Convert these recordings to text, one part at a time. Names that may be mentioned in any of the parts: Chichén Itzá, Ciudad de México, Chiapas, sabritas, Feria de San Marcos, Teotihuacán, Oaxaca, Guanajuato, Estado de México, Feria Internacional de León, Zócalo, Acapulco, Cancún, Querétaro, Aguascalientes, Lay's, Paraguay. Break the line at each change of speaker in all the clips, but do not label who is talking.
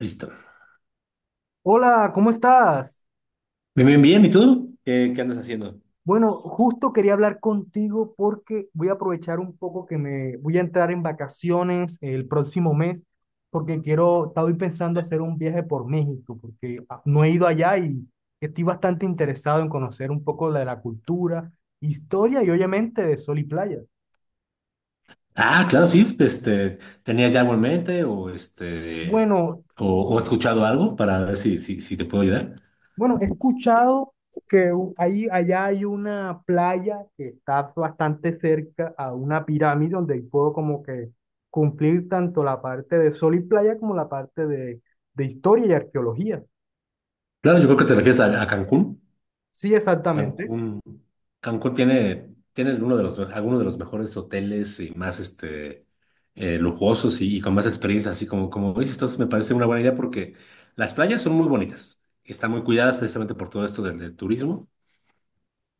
Listo.
Hola, ¿cómo estás?
Bien, bien, bien. ¿Y tú? ¿Qué andas haciendo?
Bueno, justo quería hablar contigo porque voy a aprovechar un poco que me voy a entrar en vacaciones el próximo mes porque quiero, estoy pensando hacer un viaje por México porque no he ido allá y estoy bastante interesado en conocer un poco de la cultura, historia y obviamente de sol y playa.
Ah, claro, sí. ¿Tenías ya algo en mente o
Bueno,
o, escuchado algo para ver si, si te puedo ayudar?
Bueno, he escuchado que ahí, allá hay una playa que está bastante cerca a una pirámide donde puedo como que cumplir tanto la parte de sol y playa como la parte de historia y arqueología.
Claro, yo creo que te refieres a Cancún.
Sí, exactamente.
Cancún, Cancún tiene, tiene uno de los, de los mejores hoteles y más lujosos y con más experiencia, así como, como dices. Entonces me parece una buena idea porque las playas son muy bonitas, están muy cuidadas precisamente por todo esto del, del turismo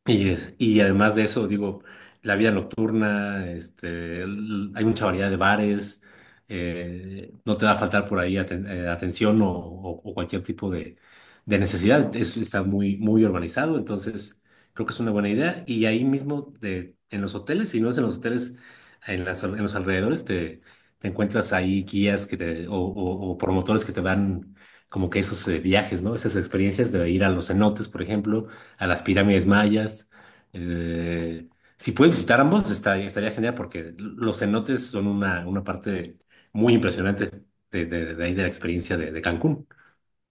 y, y además de eso, digo, la vida nocturna, hay mucha variedad de bares, no te va a faltar por ahí atención o o- cualquier tipo de necesidad. Está muy, muy urbanizado, entonces creo que es una buena idea. Y ahí mismo, de, en los hoteles, si no es en los hoteles, en las, en los alrededores, te encuentras ahí guías que te, o promotores que te dan como que esos viajes, ¿no? Esas experiencias de ir a los cenotes, por ejemplo a las pirámides mayas. Eh, si puedes visitar ambos, estaría genial porque los cenotes son una parte muy impresionante de, de ahí de la experiencia de Cancún.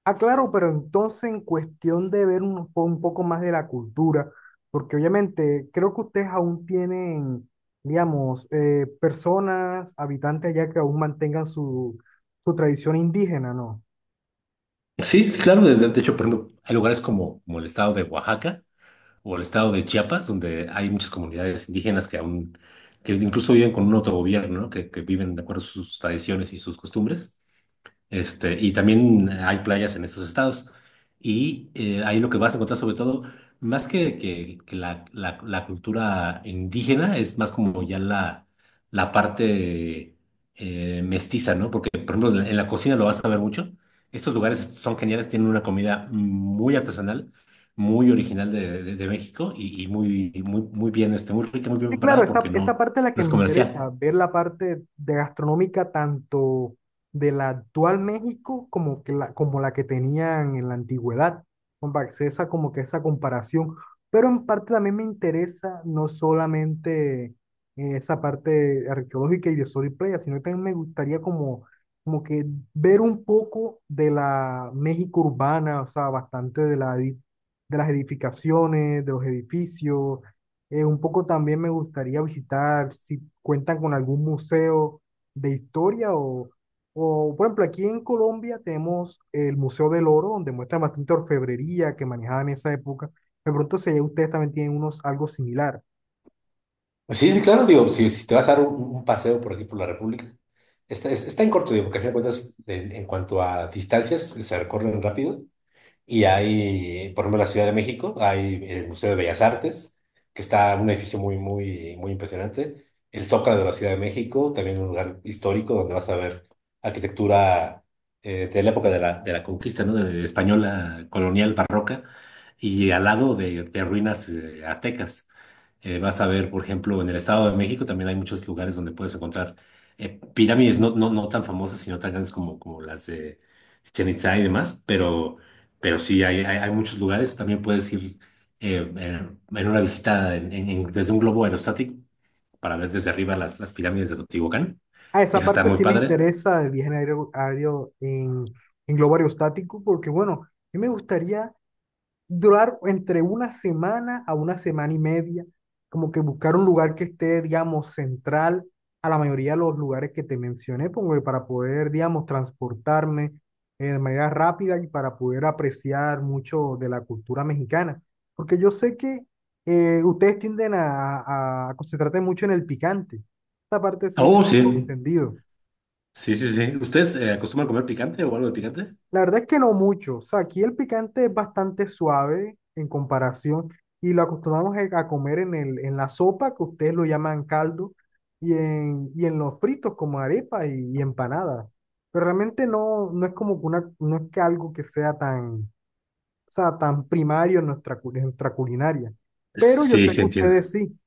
Ah, claro, pero entonces en cuestión de ver un, un poco más de la cultura, porque obviamente creo que ustedes aún tienen, digamos, personas, habitantes allá que aún mantengan su, su tradición indígena, ¿no?
Sí, sí, claro. De, de hecho, por ejemplo, hay lugares como, como el estado de Oaxaca o el estado de Chiapas, donde hay muchas comunidades indígenas que aún, que incluso viven con un autogobierno, ¿no? Que viven de acuerdo a sus tradiciones y sus costumbres. Y también hay playas en estos estados. Y ahí lo que vas a encontrar sobre todo, más que, que la, la cultura indígena, es más como ya la parte mestiza, ¿no? Porque, por ejemplo, en la cocina lo vas a ver mucho. Estos lugares son geniales, tienen una comida muy artesanal, muy original de, de México y muy, muy, muy bien, muy rica, muy bien
Sí, claro,
preparada
esa,
porque
esa parte es la
no
que
es
me interesa,
comercial.
ver la parte de gastronómica tanto de la actual México como, que la, como la que tenían en la antigüedad, como para hacer esa, como que esa comparación. Pero en parte también me interesa no solamente esa parte arqueológica y de Soriplaya, sino que también me gustaría como, como que ver un poco de la México urbana, o sea, bastante de, la, de las edificaciones, de los edificios un poco también me gustaría visitar si cuentan con algún museo de historia o, por ejemplo, aquí en Colombia tenemos el Museo del Oro, donde muestran bastante orfebrería que manejaban en esa época. De pronto, si allá ustedes también tienen unos, algo similar.
Pues sí, sí, claro, digo, si, si te vas a dar un paseo por aquí por la República, está, está en corto, digo, porque a fin de cuentas, en cuanto a distancias, se recorren rápido, y hay, por ejemplo, en la Ciudad de México, hay el Museo de Bellas Artes, que está un edificio muy, muy, muy impresionante. El Zócalo de la Ciudad de México, también un lugar histórico donde vas a ver arquitectura de la época de la conquista, ¿no? De española, colonial, barroca, y al lado de ruinas aztecas. Vas a ver, por ejemplo, en el Estado de México también hay muchos lugares donde puedes encontrar pirámides no, no tan famosas, sino tan grandes como, como las de Chichén Itzá y demás, pero sí, hay muchos lugares. También puedes ir en una visita desde un globo aerostático para ver desde arriba las pirámides de Teotihuacán.
Ah, esa
Eso está
parte
muy
sí me
padre.
interesa del viaje en aéreo, aéreo en globo aerostático, porque bueno, a mí me gustaría durar entre una semana a una semana y media, como que buscar un lugar que esté, digamos, central a la mayoría de los lugares que te mencioné, como que para poder, digamos, transportarme de manera rápida y para poder apreciar mucho de la cultura mexicana. Porque yo sé que ustedes tienden a, a concentrarse mucho en el picante. Esta parte sí
Oh,
tengo
sí.
entendido.
Sí, sí, sí. ¿Ustedes acostumbran comer picante o algo de picante?
La verdad es que no mucho. O sea, aquí el picante es bastante suave en comparación y lo acostumbramos a comer en el, en la sopa, que ustedes lo llaman caldo, y en los fritos como arepa y empanada. Pero realmente no, no es como que una, no es que algo que sea tan, o sea, tan primario en nuestra, en nuestra culinaria. Pero yo
Sí,
sé que
sí,
sí.
entiendo.
Ustedes sí.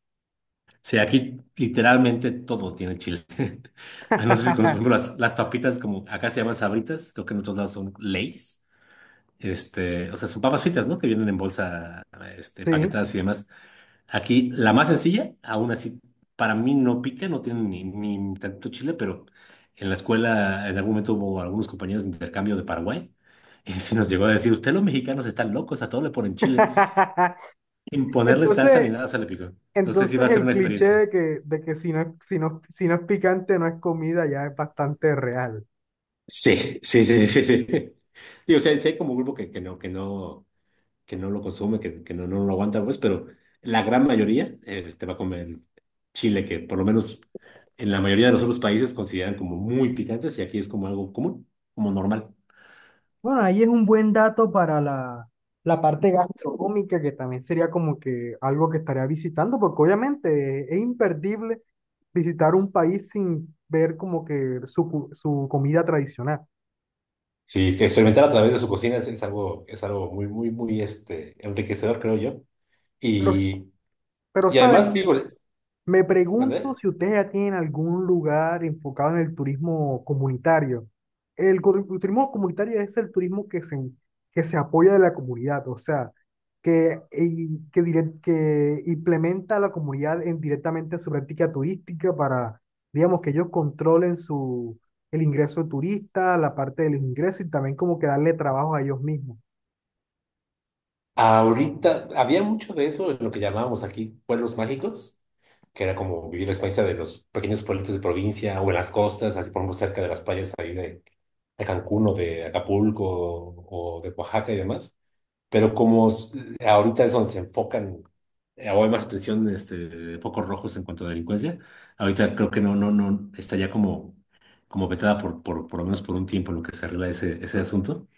Sí, aquí literalmente todo tiene chile. Ah, no sé si conoces, por ejemplo, las papitas, como acá se llaman Sabritas, creo que en otros lados son Lay's. O sea, son papas fritas, ¿no? Que vienen en bolsa,
Sí.
empaquetadas y demás. Aquí la más sencilla, aún así, para mí no pica, no tiene ni, ni tanto chile, pero en la escuela en algún momento hubo algunos compañeros de intercambio de Paraguay y se nos llegó a decir, usted los mexicanos están locos, a todos le ponen chile, sin ponerle salsa ni
Entonces,
nada se le picó. Entonces sí va
Entonces,
a ser
el
una
cliché
experiencia.
de que si no, si no, si no es picante no es comida ya es bastante real.
Sí, sí, sí, sí, sí. sí. Y, o sea, sí hay como grupo que no, que no, que no lo consume, que no, no lo aguanta, pues, pero la gran mayoría va a comer chile, que por lo menos en la mayoría de los otros países consideran como muy picantes y aquí es como algo común, como normal.
Bueno, ahí es un buen dato para la, la parte gastronómica, que también sería como que algo que estaría visitando, porque obviamente es imperdible visitar un país sin ver como que su, su comida tradicional.
Sí, que experimentar a través de su cocina es algo muy, muy, muy enriquecedor, creo yo.
Pero,
Y,
pero
y
¿sabes?
además, digo,
Me pregunto
¿mandé?
si ustedes ya tienen algún lugar enfocado en el turismo comunitario. El, el turismo comunitario es el turismo que se apoya de la comunidad, o sea, que, que, que implementa a la comunidad en, directamente su práctica turística para, digamos, que ellos controlen su, el ingreso turista, la parte del ingreso y también como que darle trabajo a ellos mismos.
Ahorita había mucho de eso en lo que llamábamos aquí pueblos mágicos, que era como vivir la experiencia de los pequeños pueblitos de provincia o en las costas, así por ejemplo cerca de las playas ahí de Cancún o de Acapulco o de Oaxaca y demás. Pero ahorita es donde se enfocan, o hay más atención de focos rojos en cuanto a delincuencia, ahorita creo que no, no, no, está ya como, como vetada por lo menos por un tiempo en lo que se arregla ese, ese asunto.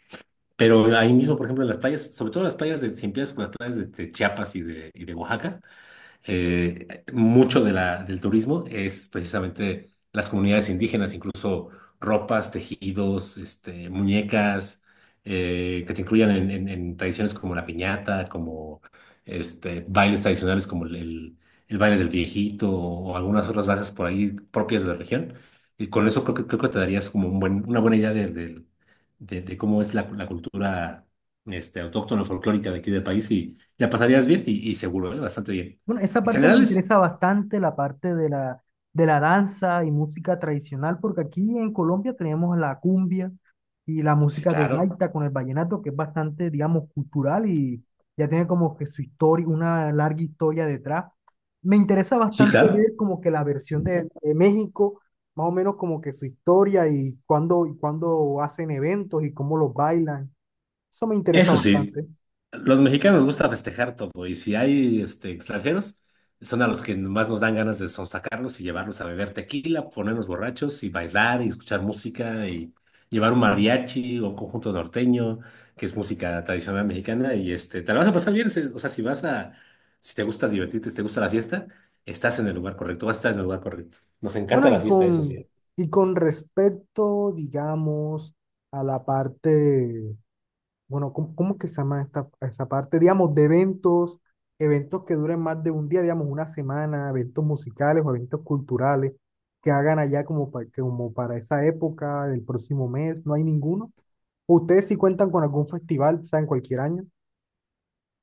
Pero ahí mismo, por ejemplo, en las playas, sobre todo las playas de, si empiezas por las playas de Chiapas y de Oaxaca, mucho de la, del turismo es precisamente las comunidades indígenas, incluso ropas, tejidos, muñecas, que te incluyan en, en tradiciones como la piñata, como bailes tradicionales como el, el baile del viejito algunas otras danzas por ahí propias de la región. Y con eso creo que te darías como un una buena idea de cómo es la, la cultura autóctona folclórica de aquí del país y la pasarías bien y seguro, ¿eh? Bastante bien.
Bueno, esa
En
parte me
general es,
interesa bastante, la parte de la danza y música tradicional, porque aquí en Colombia tenemos la cumbia y la
sí,
música de
claro.
gaita con el vallenato, que es bastante, digamos, cultural y ya tiene como que su historia, una larga historia detrás. Me interesa
Sí,
bastante
claro.
ver como que la versión de México, más o menos como que su historia y cuándo hacen eventos y cómo los bailan. Eso me interesa
Eso sí,
bastante.
los mexicanos nos gusta festejar todo y si hay extranjeros, son a los que más nos dan ganas de sonsacarlos y llevarlos a beber tequila, ponernos borrachos y bailar y escuchar música y llevar un mariachi o un conjunto norteño, que es música tradicional mexicana y te la vas a pasar bien, o sea, si vas a, si te gusta divertirte, si te gusta la fiesta, estás en el lugar correcto, vas a estar en el lugar correcto. Nos encanta
Bueno,
la fiesta, eso sí. ¿Eh?
y con respecto, digamos, a la parte, bueno, ¿cómo, cómo que se llama esta, esa parte? Digamos, de eventos, eventos que duren más de un día, digamos, una semana, eventos musicales o eventos culturales que hagan allá como para, como para esa época del próximo mes, no hay ninguno. Ustedes sí cuentan con algún festival, sea en cualquier año,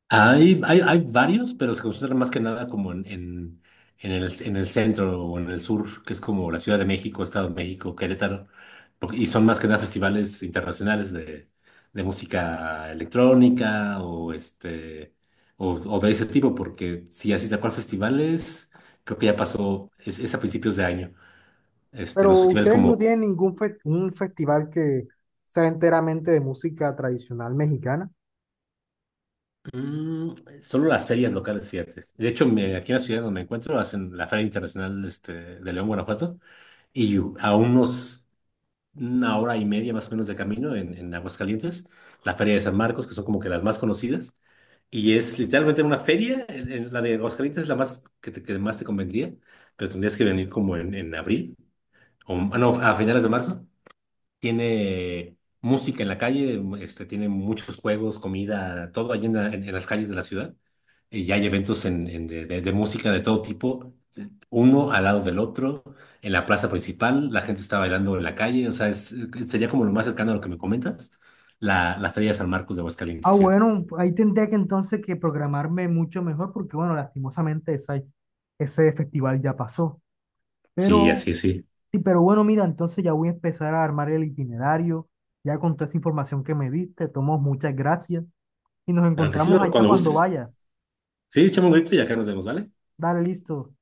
Hay varios, pero se concentran más que nada como en el centro o en el sur, que es como la Ciudad de México, Estado de México, Querétaro, y son más que nada festivales internacionales de música electrónica o, o de ese tipo, porque si así tal cual festivales, creo que ya pasó, es a principios de año,
pero
los festivales
ustedes
como,
no tienen ningún un festival que sea enteramente de música tradicional mexicana.
mm, solo las ferias locales, fíjate. De hecho, aquí en la ciudad donde me encuentro hacen la Feria Internacional de León, Guanajuato. Y a unos, una hora y media más o menos de camino en Aguascalientes, la Feria de San Marcos, que son como que las más conocidas. Y es literalmente una feria, en la de Aguascalientes es la más que, que más te convendría, pero tendrías que venir como en abril, o ah, no, a finales de marzo, tiene música en la calle, tiene muchos juegos, comida, todo allí en, en las calles de la ciudad. Y hay eventos en de, de música de todo tipo, uno al lado del otro, en la plaza principal, la gente está bailando en la calle, o sea, sería como lo más cercano a lo que me comentas, la, la Feria de San Marcos de
Ah,
Aguascalientes, fíjate.
bueno, ahí tendría que entonces que programarme mucho mejor porque, bueno, lastimosamente ese festival ya pasó.
Sí,
Pero,
así es, sí.
sí, pero bueno, mira, entonces ya voy a empezar a armar el itinerario, ya con toda esa información que me diste, tomo muchas gracias y nos
Claro que sí,
encontramos
bueno,
allá
cuando
cuando
gustes.
vaya.
Sí, echamos un grito y acá nos vemos, ¿vale?
Dale, listo.